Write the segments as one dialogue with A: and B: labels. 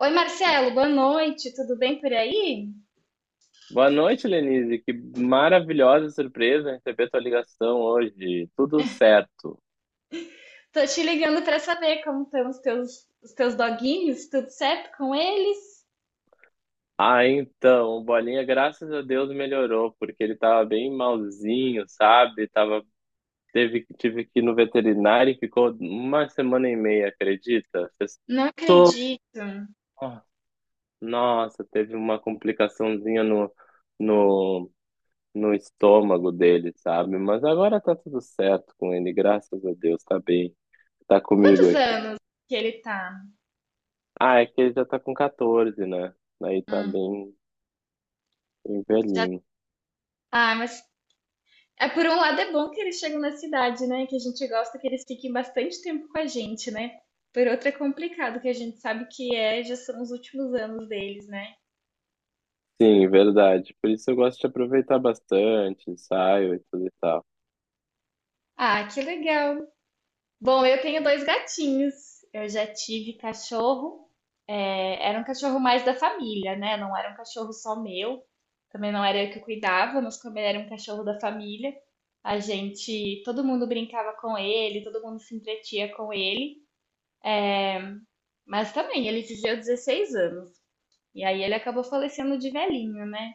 A: Oi, Marcelo, boa noite, tudo bem por aí?
B: Boa noite, Lenise. Que maravilhosa surpresa receber tua ligação hoje. Tudo certo.
A: Tô te ligando pra saber como estão os teus doguinhos, tudo certo com eles?
B: Ah, então, o Bolinha, graças a Deus, melhorou, porque ele tava bem malzinho, sabe? Tive que ir no veterinário e ficou uma semana e meia, acredita?
A: Não
B: To-
A: acredito.
B: Nossa, teve uma complicaçãozinha no, no estômago dele, sabe? Mas agora tá tudo certo com ele, graças a Deus, tá bem. Tá comigo
A: Quantos
B: aqui.
A: anos que ele tá?
B: Ah, é que ele já tá com 14, né? Aí tá
A: Hum,
B: bem, bem
A: já...
B: velhinho.
A: Ah, mas por um lado é bom que eles chegam na cidade, né? Que a gente gosta que eles fiquem bastante tempo com a gente, né? Por outro é complicado, que a gente sabe que já são os últimos anos deles, né?
B: Sim, verdade. Por isso eu gosto de aproveitar bastante, saio e tudo e tal.
A: Ah, que legal. Bom, eu tenho dois gatinhos. Eu já tive cachorro. Era um cachorro mais da família, né? Não era um cachorro só meu. Também não era eu que cuidava, mas como ele era um cachorro da família, a gente, todo mundo brincava com ele, todo mundo se entretia com ele. Mas também, ele viveu 16 anos. E aí ele acabou falecendo de velhinho, né?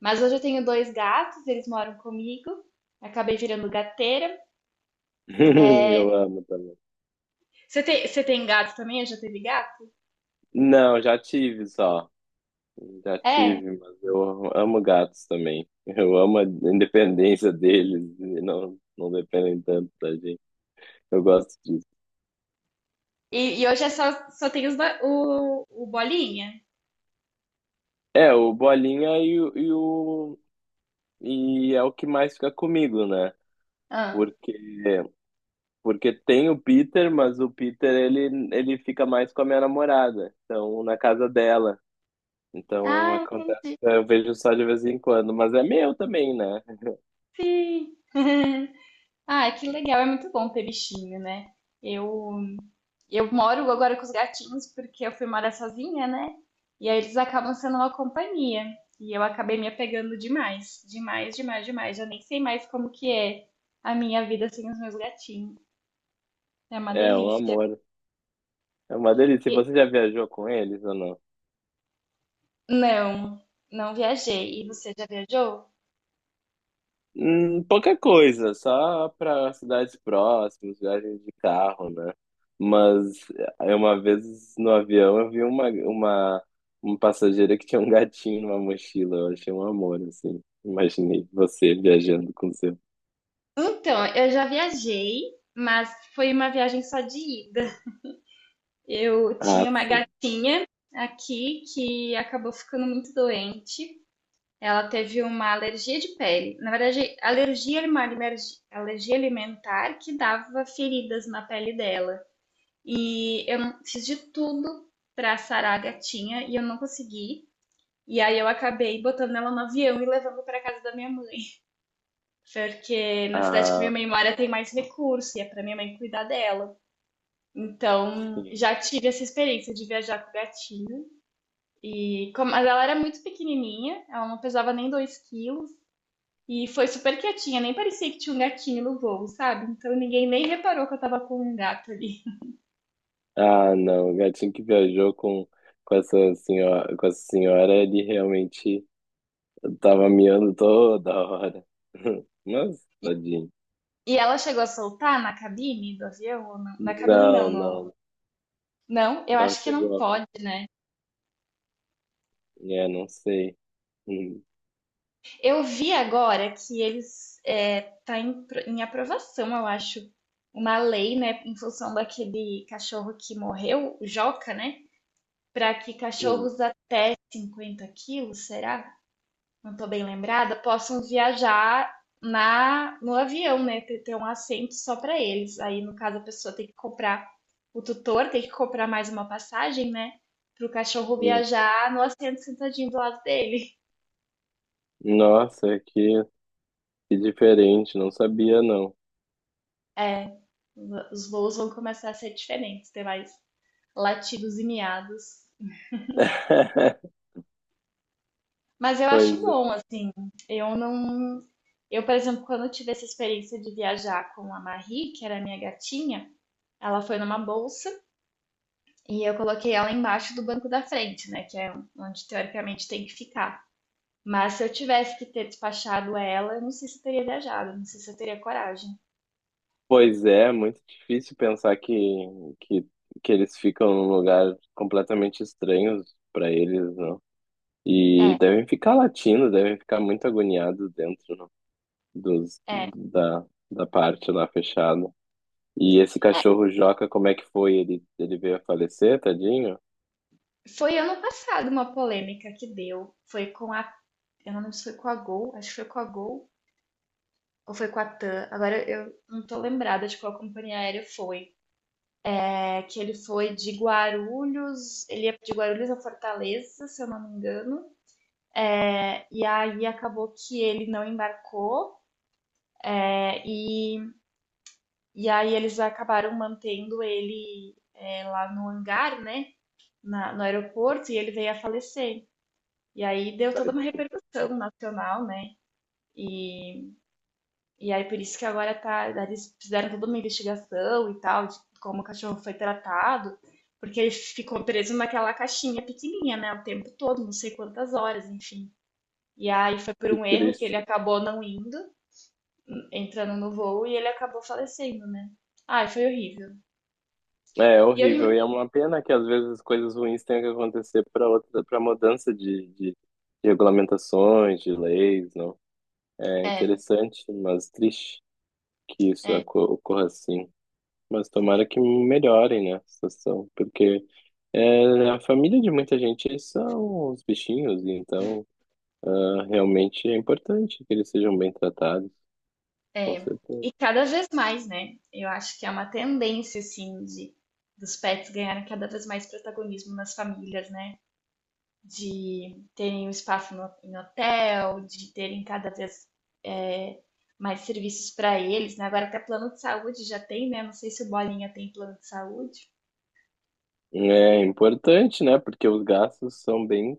A: Mas hoje eu tenho dois gatos, eles moram comigo. Acabei virando gateira.
B: Eu amo também.
A: Você tem gato também? Eu já teve gato?
B: Não, já tive só. Já
A: É.
B: tive, mas eu amo gatos também. Eu amo a independência deles e não, não dependem tanto da gente. Eu gosto disso.
A: E hoje é só, só tem o Bolinha.
B: É, o Bolinha e é o que mais fica comigo, né?
A: Ah.
B: Porque Porque tem o Peter, mas o Peter ele fica mais com a minha namorada, então na casa dela. Então
A: Ah,
B: acontece,
A: entendi.
B: eu vejo só de vez em quando, mas é meu também, né?
A: Sim. Ah, que legal, é muito bom ter bichinho, né? Eu eu moro agora com os gatinhos porque eu fui morar sozinha, né? E aí eles acabam sendo uma companhia. E eu acabei me apegando demais, demais, demais, demais. Já nem sei mais como que é a minha vida sem os meus gatinhos. É uma
B: É um
A: delícia.
B: amor, é uma delícia.
A: E-
B: Você já viajou com eles ou
A: não, não
B: não?
A: viajei. E você já viajou?
B: Pouca coisa, só para cidades próximas, viagens de carro, né? Mas uma vez no avião eu vi uma passageira que tinha um gatinho numa mochila, eu achei um amor, assim. Imaginei você viajando com seu.
A: Então, eu já viajei, mas foi uma viagem só de ida. Eu
B: Ah,
A: tinha uma
B: sim.
A: gatinha aqui que acabou ficando muito doente. Ela teve uma alergia de pele. Na verdade, alergia é uma alergia alimentar que dava feridas na pele dela. E eu não- fiz de tudo pra sarar a gatinha e eu não consegui. E aí eu acabei botando ela no avião e levando pra casa da minha mãe, porque na cidade que minha
B: Ah,
A: mãe mora tem mais recurso e é pra minha mãe cuidar dela. Então,
B: sim.
A: já tive essa experiência de viajar com o gatinho. E como, mas ela era muito pequenininha, ela não pesava nem 2 quilos. E foi super quietinha, nem parecia que tinha um gatinho no voo, sabe? Então ninguém nem reparou que eu tava com um gato ali.
B: Ah, não, o gatinho que viajou com essa senhora, ele realmente tava miando toda hora. Mas, tadinho.
A: E ela chegou a soltar na cabine do avião? Ou não? Na cabine não,
B: Não,
A: no...
B: não,
A: Não, eu
B: não
A: acho que não
B: chegou.
A: pode, né?
B: É, não sei. Hum,
A: Eu vi agora que tá em aprovação, eu acho, uma lei, né, em função daquele cachorro que morreu, o Joca, né? Pra que
B: hum,
A: cachorros até 50 quilos, será? Não estou bem lembrada, possam viajar na no avião, né? Ter um assento só para eles. Aí, no caso, a pessoa tem que comprar, o tutor tem que comprar mais uma passagem, né? Para o cachorro
B: hum.
A: viajar no assento sentadinho do lado dele.
B: Nossa, que diferente, não sabia não.
A: É, os voos vão começar a ser diferentes, ter mais latidos e miados. Mas eu
B: Pois,
A: acho bom, assim. Eu não. Eu, por exemplo, quando eu tive essa experiência de viajar com a Marie, que era a minha gatinha, ela foi numa bolsa. E eu coloquei ela embaixo do banco da frente, né? Que é onde teoricamente tem que ficar. Mas se eu tivesse que ter despachado ela, eu não sei se eu teria viajado, não sei se eu teria coragem.
B: pois é, muito difícil pensar que, que eles ficam num lugar completamente estranho para eles, não? E
A: É,
B: devem ficar latindo, devem ficar muito agoniados dentro não? dos,
A: é.
B: da, da parte lá fechada. E esse cachorro Joca, como é que foi? Ele veio a falecer, tadinho?
A: Foi ano passado uma polêmica que deu. Foi com a. Eu não lembro se foi com a Gol, acho que foi com a Gol ou foi com a TAM. Agora eu não tô lembrada de qual companhia aérea foi. É que ele foi de Guarulhos, ele ia de Guarulhos a Fortaleza, se eu não me engano. É, e aí acabou que ele não embarcou. É, e E aí eles acabaram mantendo ele lá no hangar, né? No aeroporto, e ele veio a falecer. E aí deu toda uma
B: Tadinho.
A: repercussão nacional, né? E, e aí por isso que agora tá, eles fizeram toda uma investigação e tal, de como o cachorro foi tratado, porque ele ficou preso naquela caixinha pequenininha, né? O tempo todo, não sei quantas horas, enfim. E aí foi por
B: Que
A: um erro que ele
B: triste.
A: acabou não indo, entrando no voo, e ele acabou falecendo, né? Ai, foi horrível.
B: É, é
A: E eu, im-
B: horrível. E é uma pena que às vezes coisas ruins tenham que acontecer para outra, para mudança de regulamentações, de leis, não. É
A: é,
B: interessante, mas triste que isso
A: é.
B: ocorra assim. Mas tomara que melhorem, né, a situação, porque é, a família de muita gente são os bichinhos, e então ah, realmente é importante que eles sejam bem tratados, com
A: É,
B: certeza.
A: e cada vez mais, né? Eu acho que é uma tendência, assim, de, dos pets ganharem cada vez mais protagonismo nas famílias, né? De terem um espaço no, em hotel, de terem cada vez é, mais serviços para eles, né? Agora até plano de saúde já tem, né? Não sei se o Bolinha tem plano de saúde.
B: É importante, né, porque os gastos são bem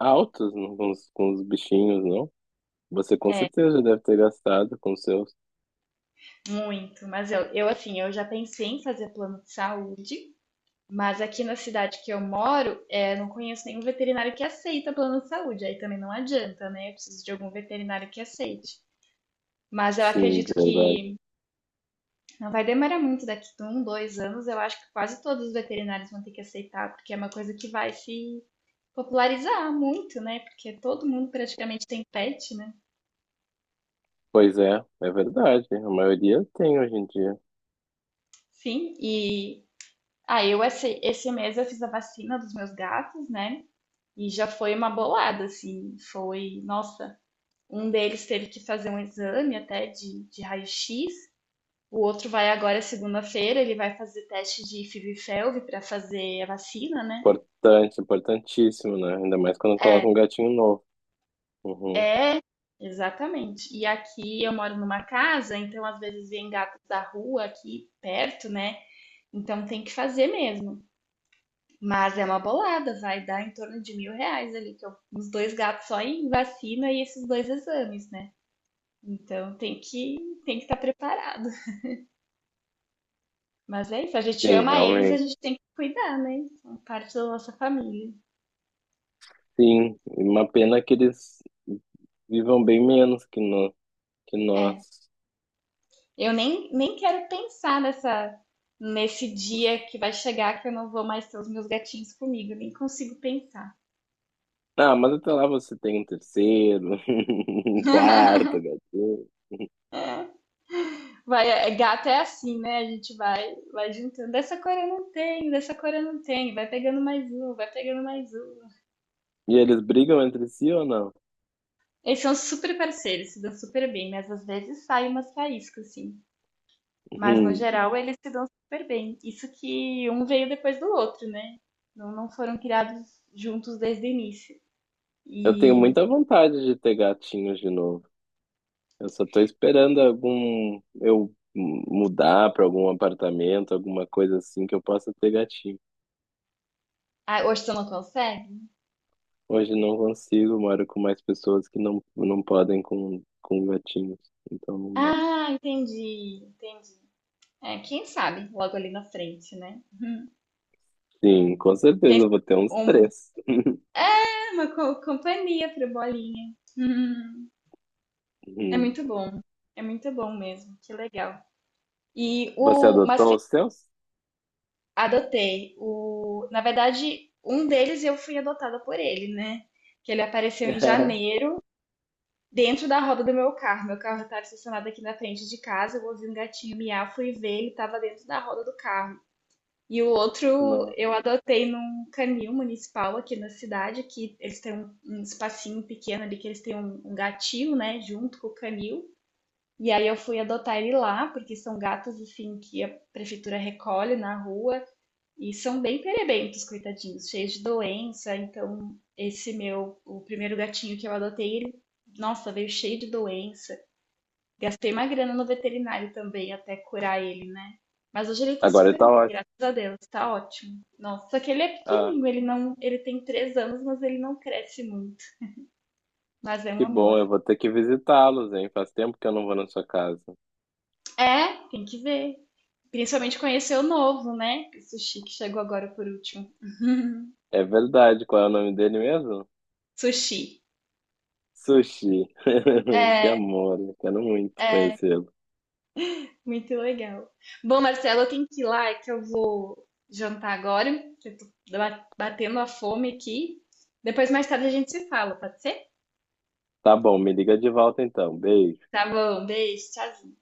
B: altos com os bichinhos, não? Você com certeza deve ter gastado com seus.
A: Muito, mas eu assim, eu já pensei em fazer plano de saúde, mas aqui na cidade que eu moro, não conheço nenhum veterinário que aceita plano de saúde. Aí também não adianta, né? Eu preciso de algum veterinário que aceite. Mas eu
B: Sim,
A: acredito
B: verdade.
A: que não vai demorar muito, daqui a um, dois anos, eu acho que quase todos os veterinários vão ter que aceitar, porque é uma coisa que vai se popularizar muito, né? Porque todo mundo praticamente tem pet, né?
B: Pois é, é verdade. A maioria tem hoje em dia.
A: Sim, e aí eu esse mês eu fiz a vacina dos meus gatos, né? E já foi uma bolada, assim, foi, nossa, um deles teve que fazer um exame até de raio-x. O outro vai agora segunda-feira, ele vai fazer teste de FIV-FeLV para fazer a vacina, né?
B: Importante, importantíssimo, né? Ainda mais quando
A: É,
B: coloca um gatinho novo. Uhum.
A: é, exatamente. E aqui eu moro numa casa, então às vezes vem gatos da rua aqui perto, né? Então tem que fazer mesmo. Mas é uma bolada, vai dar em torno de R$ 1.000 ali, que eu, os dois gatos só em vacina e esses dois exames, né? Então tem que estar preparado. Mas é isso, a gente
B: Sim,
A: ama eles, a
B: realmente.
A: gente tem que cuidar, né? São parte da nossa família.
B: Sim, e uma pena que eles vivam bem menos que, no, que
A: É.
B: nós.
A: Eu nem quero pensar nessa, nesse dia que vai chegar que eu não vou mais ter os meus gatinhos comigo, nem consigo pensar.
B: Ah, mas até lá você tem um terceiro, um quarto gatinho.
A: É. Vai, é, gato é assim, né? A gente vai, vai juntando. Dessa cor eu não tenho, dessa cor eu não tenho. Vai pegando mais um, vai pegando mais um.
B: E eles brigam entre si ou não?
A: Eles são super parceiros, se dão super bem, mas às vezes sai umas faíscas, assim. Mas no
B: Uhum.
A: geral eles se dão super bem. Isso que um veio depois do outro, né? Não, não foram criados juntos desde o início.
B: Eu tenho
A: E
B: muita vontade de ter gatinhos de novo. Eu só tô esperando mudar para algum apartamento, alguma coisa assim que eu possa ter gatinho.
A: ah, hoje você não consegue?
B: Hoje não consigo, moro com mais pessoas que não, não podem com gatinhos. Então não dá.
A: Ah, entendi, entendi. É, quem sabe logo ali na frente, né? Uhum.
B: Sim, com certeza
A: Quem
B: eu vou ter uns
A: um
B: três.
A: É uma companhia pro Bolinha. Uhum. É
B: Hum.
A: muito bom, é muito bom mesmo. Que legal. E
B: Você
A: o mas
B: adotou os seus?
A: Adotei. O... Na verdade, um deles eu fui adotada por ele, né? Que ele apareceu em janeiro, dentro da roda do meu carro. Meu carro estava estacionado aqui na frente de casa, eu ouvi um gatinho miar, fui ver, ele estava dentro da roda do carro. E o outro
B: Não.
A: eu adotei num canil municipal aqui na cidade, que eles têm um espacinho pequeno ali, que eles têm um gatinho, né, junto com o canil. E aí eu fui adotar ele lá, porque são gatos, assim, que a prefeitura recolhe na rua. E são bem perebentos, coitadinhos, cheios de doença. Então, esse meu, o primeiro gatinho que eu adotei, ele, nossa, veio cheio de doença. Gastei uma grana no veterinário também até curar ele, né? Mas hoje ele tá
B: Agora
A: super
B: tá
A: bem,
B: ótimo.
A: graças a Deus, tá ótimo. Nossa, só que ele é
B: Ah,
A: pequenininho, ele não, ele tem 3 anos, mas ele não cresce muito. Mas é um
B: que
A: amor.
B: bom, eu vou ter que visitá-los, hein? Faz tempo que eu não vou na sua casa.
A: É, tem que ver. Principalmente conhecer o novo, né? O Sushi que chegou agora por último.
B: É verdade, qual é o nome dele mesmo?
A: Sushi.
B: Sushi. Que
A: É,
B: amor, eu quero muito
A: é.
B: conhecê-lo.
A: Muito legal. Bom, Marcelo, eu tenho que ir lá, é que eu vou jantar agora, que eu tô batendo a fome aqui. Depois, mais tarde, a gente se fala, pode ser?
B: Tá bom, me liga de volta então. Beijo.
A: Tá bom, beijo, tchau.